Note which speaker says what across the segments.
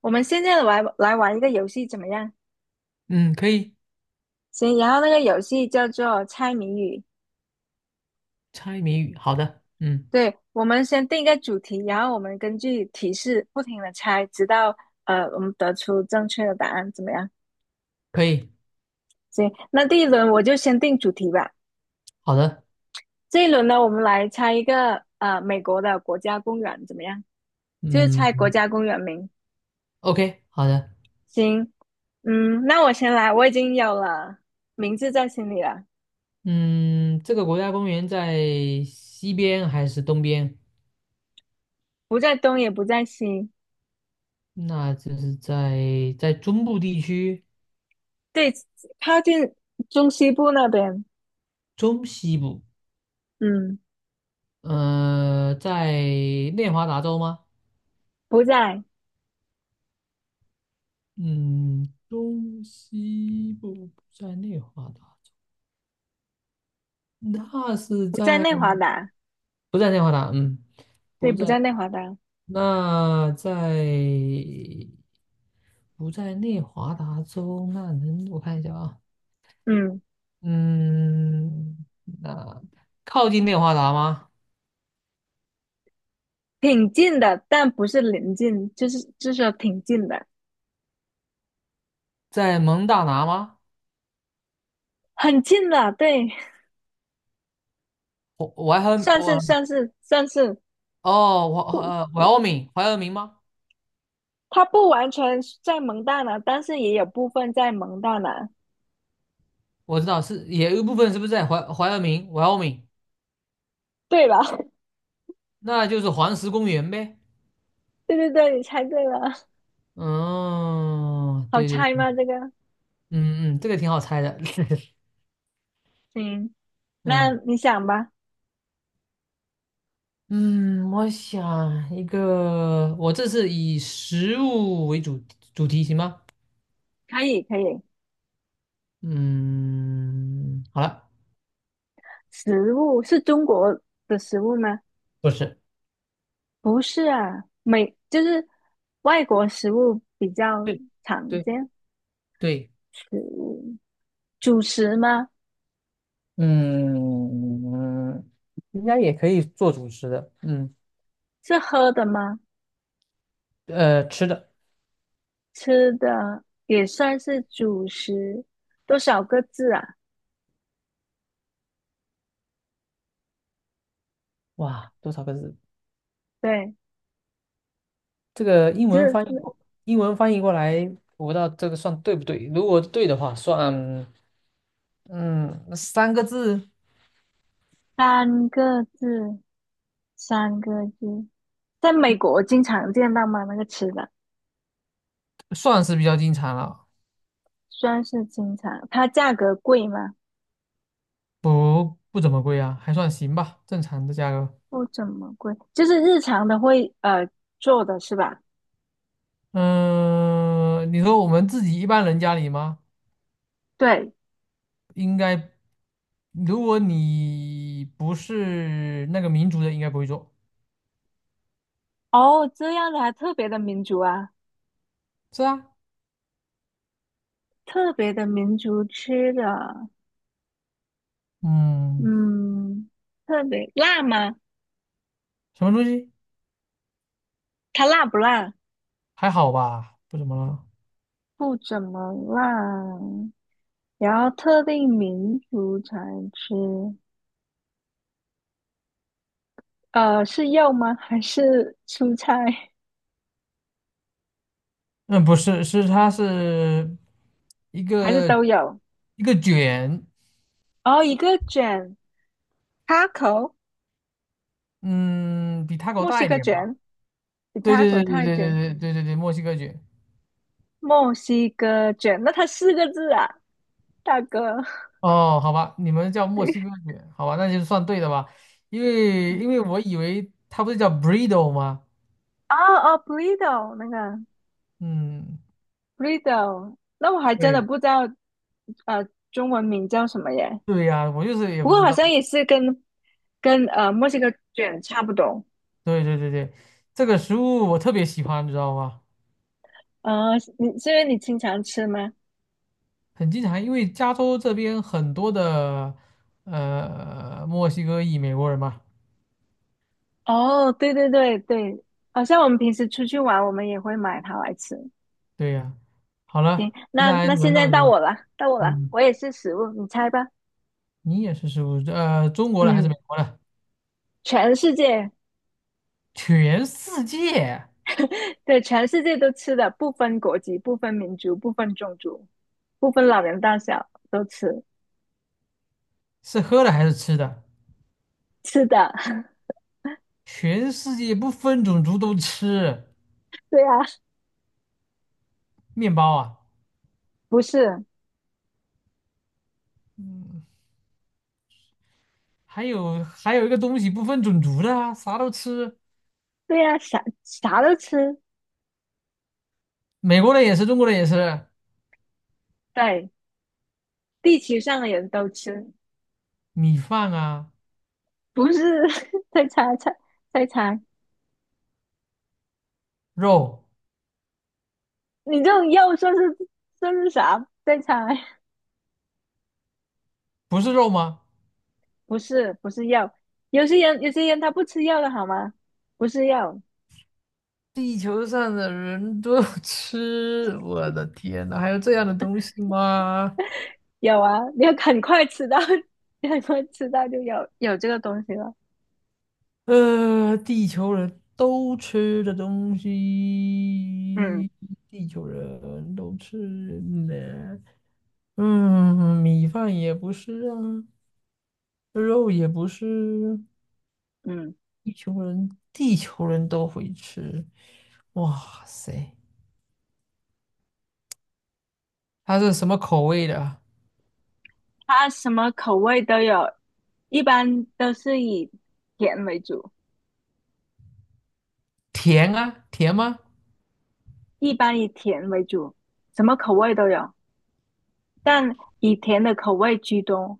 Speaker 1: 我们现在来玩一个游戏怎么样？
Speaker 2: 嗯，可以，
Speaker 1: 行，然后那个游戏叫做猜谜语。
Speaker 2: 猜谜语，好的，嗯，
Speaker 1: 对，我们先定一个主题，然后我们根据提示不停的猜，直到我们得出正确的答案，怎么样？
Speaker 2: 可以，
Speaker 1: 行，那第一轮我就先定主题吧。
Speaker 2: 好的，
Speaker 1: 这一轮呢，我们来猜一个美国的国家公园，怎么样？就是猜国
Speaker 2: 嗯
Speaker 1: 家公园名。
Speaker 2: ，OK，好的，
Speaker 1: 行，嗯，那我先来，我已经有了名字在心里了。
Speaker 2: 嗯，这个国家公园在西边还是东边？
Speaker 1: 不在东也不在西。
Speaker 2: 那就是在中部地区，
Speaker 1: 对，靠近中西部那边。
Speaker 2: 中西部，
Speaker 1: 嗯，
Speaker 2: 在内华达州吗？
Speaker 1: 不在
Speaker 2: 嗯，中西部不在内华达州，那是
Speaker 1: 不在
Speaker 2: 在
Speaker 1: 内华达，
Speaker 2: 不在内华达？嗯，
Speaker 1: 对，
Speaker 2: 不
Speaker 1: 不
Speaker 2: 在，
Speaker 1: 在内华达。
Speaker 2: 那在。不在内华达州，那能我看一下啊，
Speaker 1: 嗯，
Speaker 2: 嗯，那靠近内华达吗？
Speaker 1: 挺近的，但不是临近，就是说挺近的。
Speaker 2: 在蒙大拿吗？
Speaker 1: 很近了，对。
Speaker 2: 我我还 很
Speaker 1: 算
Speaker 2: 我
Speaker 1: 是算是算是
Speaker 2: 哦，
Speaker 1: 不
Speaker 2: 怀
Speaker 1: 不，
Speaker 2: 俄明，怀俄明吗？
Speaker 1: 它不完全是在蒙大拿，但是也有部分在蒙大拿。
Speaker 2: 我知道是也有一部分是不是在怀俄明，怀俄明，
Speaker 1: 对吧？
Speaker 2: 那就是黄石公园呗。
Speaker 1: 对对对，你猜对了。
Speaker 2: 嗯，
Speaker 1: 好
Speaker 2: 对
Speaker 1: 猜
Speaker 2: 对，
Speaker 1: 吗？这个。
Speaker 2: 嗯嗯，这个挺好猜的。
Speaker 1: 嗯，那
Speaker 2: 嗯
Speaker 1: 你想吧。
Speaker 2: 嗯，我想一个，我这是以食物为主题行吗？
Speaker 1: 可以可以。
Speaker 2: 嗯，好了，
Speaker 1: 食物是中国的食物吗？
Speaker 2: 不是，
Speaker 1: 不是啊，美就是外国食物比较
Speaker 2: 对
Speaker 1: 常
Speaker 2: 对
Speaker 1: 见。
Speaker 2: 对，
Speaker 1: 食物主食吗？
Speaker 2: 嗯，应该也可以做主食的，嗯，
Speaker 1: 是喝的吗？
Speaker 2: 呃，吃的，
Speaker 1: 吃的也算是主食。多少个字啊？
Speaker 2: 哇，多少个字？
Speaker 1: 对，
Speaker 2: 这个英文
Speaker 1: 是
Speaker 2: 翻译过，英文翻译过来，我不知道这个算对不对。如果对的话，算，嗯，三个字
Speaker 1: 三个字，三个字。在美国经常见到吗？那个吃的
Speaker 2: 算是比较经常了，
Speaker 1: 算是经常，它价格贵吗？
Speaker 2: 不怎么贵啊，还算行吧，正常的价格。
Speaker 1: 不怎么贵，就是日常的会做的是吧？
Speaker 2: 嗯，你说我们自己一般人家里吗？
Speaker 1: 对。
Speaker 2: 应该如果你不是那个民族的，应该不会做。
Speaker 1: 哦，这样的还特别的民族啊。
Speaker 2: 是啊，
Speaker 1: 特别的民族吃的，
Speaker 2: 嗯，
Speaker 1: 嗯，特别辣吗？
Speaker 2: 什么东西？
Speaker 1: 它辣不辣？
Speaker 2: 还好吧，不怎么了。
Speaker 1: 不怎么辣，然后特定民族才吃。是肉吗？还是蔬菜？
Speaker 2: 嗯，不是，它是一
Speaker 1: 还是
Speaker 2: 个
Speaker 1: 都有？
Speaker 2: 一个卷，
Speaker 1: 哦，一个卷，taco,
Speaker 2: 嗯，比 t 狗
Speaker 1: 墨
Speaker 2: 大
Speaker 1: 西
Speaker 2: 一
Speaker 1: 哥
Speaker 2: 点吧。
Speaker 1: 卷，比
Speaker 2: 对对
Speaker 1: taco
Speaker 2: 对
Speaker 1: 大
Speaker 2: 对
Speaker 1: 一
Speaker 2: 对对
Speaker 1: 点。
Speaker 2: 对对对对，墨西哥卷。
Speaker 1: 墨西哥卷，那它四个字啊，大哥。
Speaker 2: 哦，好吧，你们叫墨西哥卷，好吧，那就算对的吧。因为 我以为它不是叫 b u r r d t o 吗？
Speaker 1: 哦哦，burrito 那个。
Speaker 2: 嗯，
Speaker 1: Riddle,那我还真的
Speaker 2: 对
Speaker 1: 不知道。中文名叫什么耶？
Speaker 2: 对呀，我就是也
Speaker 1: 不
Speaker 2: 不
Speaker 1: 过
Speaker 2: 知
Speaker 1: 好
Speaker 2: 道。
Speaker 1: 像也是跟墨西哥卷差不多。
Speaker 2: 对对对对，这个食物我特别喜欢，你知道吗？
Speaker 1: 呃，你是因为你经常吃吗？
Speaker 2: 很经常，因为加州这边很多的墨西哥裔美国人嘛。
Speaker 1: 哦，对对对对，好像我们平时出去玩，我们也会买它来吃。
Speaker 2: 对呀、好
Speaker 1: 行，
Speaker 2: 了，接
Speaker 1: 那
Speaker 2: 下来
Speaker 1: 那现
Speaker 2: 轮
Speaker 1: 在
Speaker 2: 到
Speaker 1: 到
Speaker 2: 你，
Speaker 1: 我了，到我了，
Speaker 2: 嗯，
Speaker 1: 我也是食物，你猜吧。
Speaker 2: 你也是食物，呃，中国的还是
Speaker 1: 嗯，
Speaker 2: 美国的？
Speaker 1: 全世界。
Speaker 2: 全世界
Speaker 1: 对，全世界都吃的，不分国籍，不分民族，不分种族，不分老人大小，都吃
Speaker 2: 是喝的还是吃的？
Speaker 1: 吃的。
Speaker 2: 全世界不分种族都吃
Speaker 1: 对呀、
Speaker 2: 面包啊，
Speaker 1: 不是。
Speaker 2: 还有还有一个东西不分种族的啊，啥都吃，
Speaker 1: 对呀、啥啥都吃。
Speaker 2: 美国人也是，中国人也是，
Speaker 1: 对，地球上的人都吃。
Speaker 2: 米饭啊，
Speaker 1: 不是。 再猜猜再猜，
Speaker 2: 肉。
Speaker 1: 你这种又说是说是啥？再猜。
Speaker 2: 不是肉吗？
Speaker 1: 不是，不是药。有些人，有些人他不吃药的好吗？不是药。
Speaker 2: 地球上的人都吃，我的天呐，还有这样的东西吗？
Speaker 1: 有啊，你要很快吃到。你很快吃到就有这个东西了。
Speaker 2: 呃，地球人都吃的东
Speaker 1: 嗯
Speaker 2: 西，地球人都吃呢。嗯，米饭也不是啊，肉也不是，
Speaker 1: 嗯，
Speaker 2: 地球人都会吃。哇塞，它是什么口味的啊？
Speaker 1: 它什么口味都有，一般都是以甜为主。
Speaker 2: 甜啊，甜吗？
Speaker 1: 一般以甜为主，什么口味都有，但以甜的口味居多。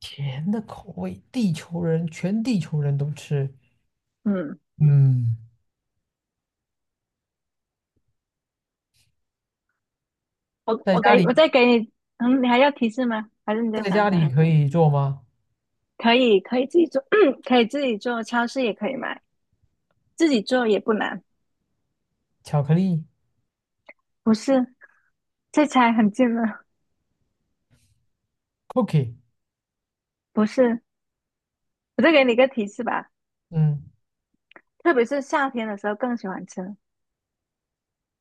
Speaker 2: 甜的口味，地球人全地球人都吃。
Speaker 1: 嗯，
Speaker 2: 嗯，
Speaker 1: 我
Speaker 2: 在
Speaker 1: 我给
Speaker 2: 家
Speaker 1: 我
Speaker 2: 里
Speaker 1: 再给你。嗯，你还要提示吗？还是你再
Speaker 2: 在
Speaker 1: 想
Speaker 2: 家里
Speaker 1: 想？
Speaker 2: 可以做吗？
Speaker 1: 可以，可以自己做。可以自己做，超市也可以买，自己做也不难。
Speaker 2: 巧克力
Speaker 1: 不是，这猜很近了。
Speaker 2: cookie。
Speaker 1: 不是，我再给你一个提示吧，
Speaker 2: 嗯，
Speaker 1: 特别是夏天的时候更喜欢吃。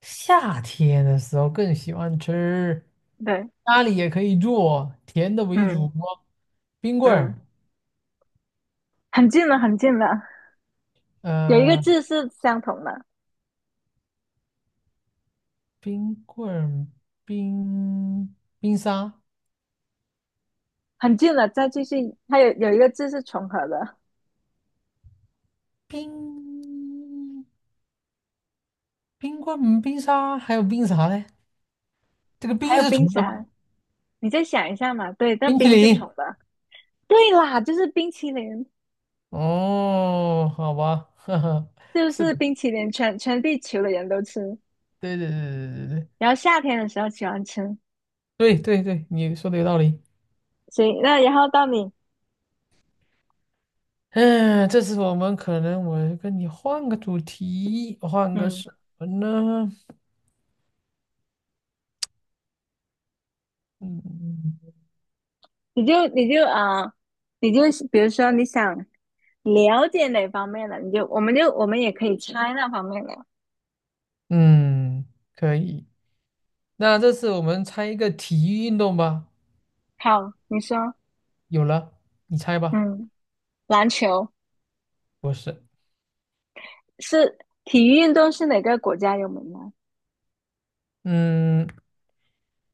Speaker 2: 夏天的时候更喜欢吃，
Speaker 1: 对。
Speaker 2: 家里也可以做甜的为主
Speaker 1: 嗯
Speaker 2: 哦，冰棍
Speaker 1: 嗯，
Speaker 2: 儿，
Speaker 1: 很近了，很近了，有一个
Speaker 2: 呃，
Speaker 1: 字是相同的。
Speaker 2: 冰棍儿，冰冰沙，
Speaker 1: 很近了。再继续，它有一个字是重合的。
Speaker 2: 冰冰棍儿，嗯冰沙，还有冰啥嘞？这个
Speaker 1: 还
Speaker 2: 冰
Speaker 1: 有
Speaker 2: 是
Speaker 1: 冰
Speaker 2: 纯的吗？
Speaker 1: 沙，你再想一下嘛。对，那
Speaker 2: 冰淇
Speaker 1: 冰是虫
Speaker 2: 淋。
Speaker 1: 的。对啦，就是冰淇淋，
Speaker 2: 哦，好吧，哈哈，
Speaker 1: 就
Speaker 2: 是
Speaker 1: 是
Speaker 2: 的，
Speaker 1: 冰淇淋全，全地球的人都吃。
Speaker 2: 对对对对
Speaker 1: 然后夏天的时候喜欢吃。
Speaker 2: 对对对对对，你说的有道理。
Speaker 1: 行，那然后到你。
Speaker 2: 嗯，这次我们可能我跟你换个主题，换个
Speaker 1: 嗯，
Speaker 2: 什么呢？嗯
Speaker 1: 你就你就啊、呃你就比如说你想了解哪方面的，你就我们就我们也可以猜那方面的。
Speaker 2: 嗯，可以。那这次我们猜一个体育运动吧。
Speaker 1: 好，你说。
Speaker 2: 有了，你猜吧。
Speaker 1: 嗯，篮球
Speaker 2: 不是，
Speaker 1: 是体育运动是哪个国家有名呢？
Speaker 2: 嗯，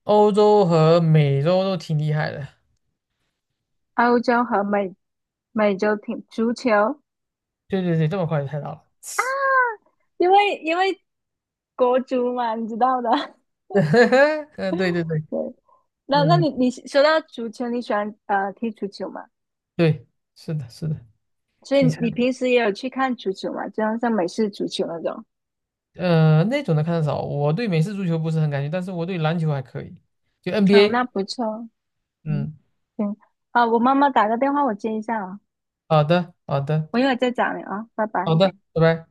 Speaker 2: 欧洲和美洲都挺厉害的。
Speaker 1: 欧洲和美洲挺足球。
Speaker 2: 对对对，这么快就猜到了。
Speaker 1: 因为国足嘛，你知道的。
Speaker 2: 嗯，对对对，
Speaker 1: 对，那那
Speaker 2: 嗯，
Speaker 1: 你你说到足球，你喜欢踢足球吗？
Speaker 2: 对，是的，是的。
Speaker 1: 所以
Speaker 2: 你猜，
Speaker 1: 你平时也有去看足球嘛？就像美式足球那种。
Speaker 2: 呃那种的看的少，我对美式足球不是很感兴趣，但是我对篮球还可以，就
Speaker 1: 哦，
Speaker 2: NBA。
Speaker 1: 那不错。嗯，
Speaker 2: 嗯，
Speaker 1: 行啊，我妈妈打个电话，我接一下啊，
Speaker 2: 好的，好的，
Speaker 1: 我一会儿再找你啊，拜拜。
Speaker 2: 好的，拜拜。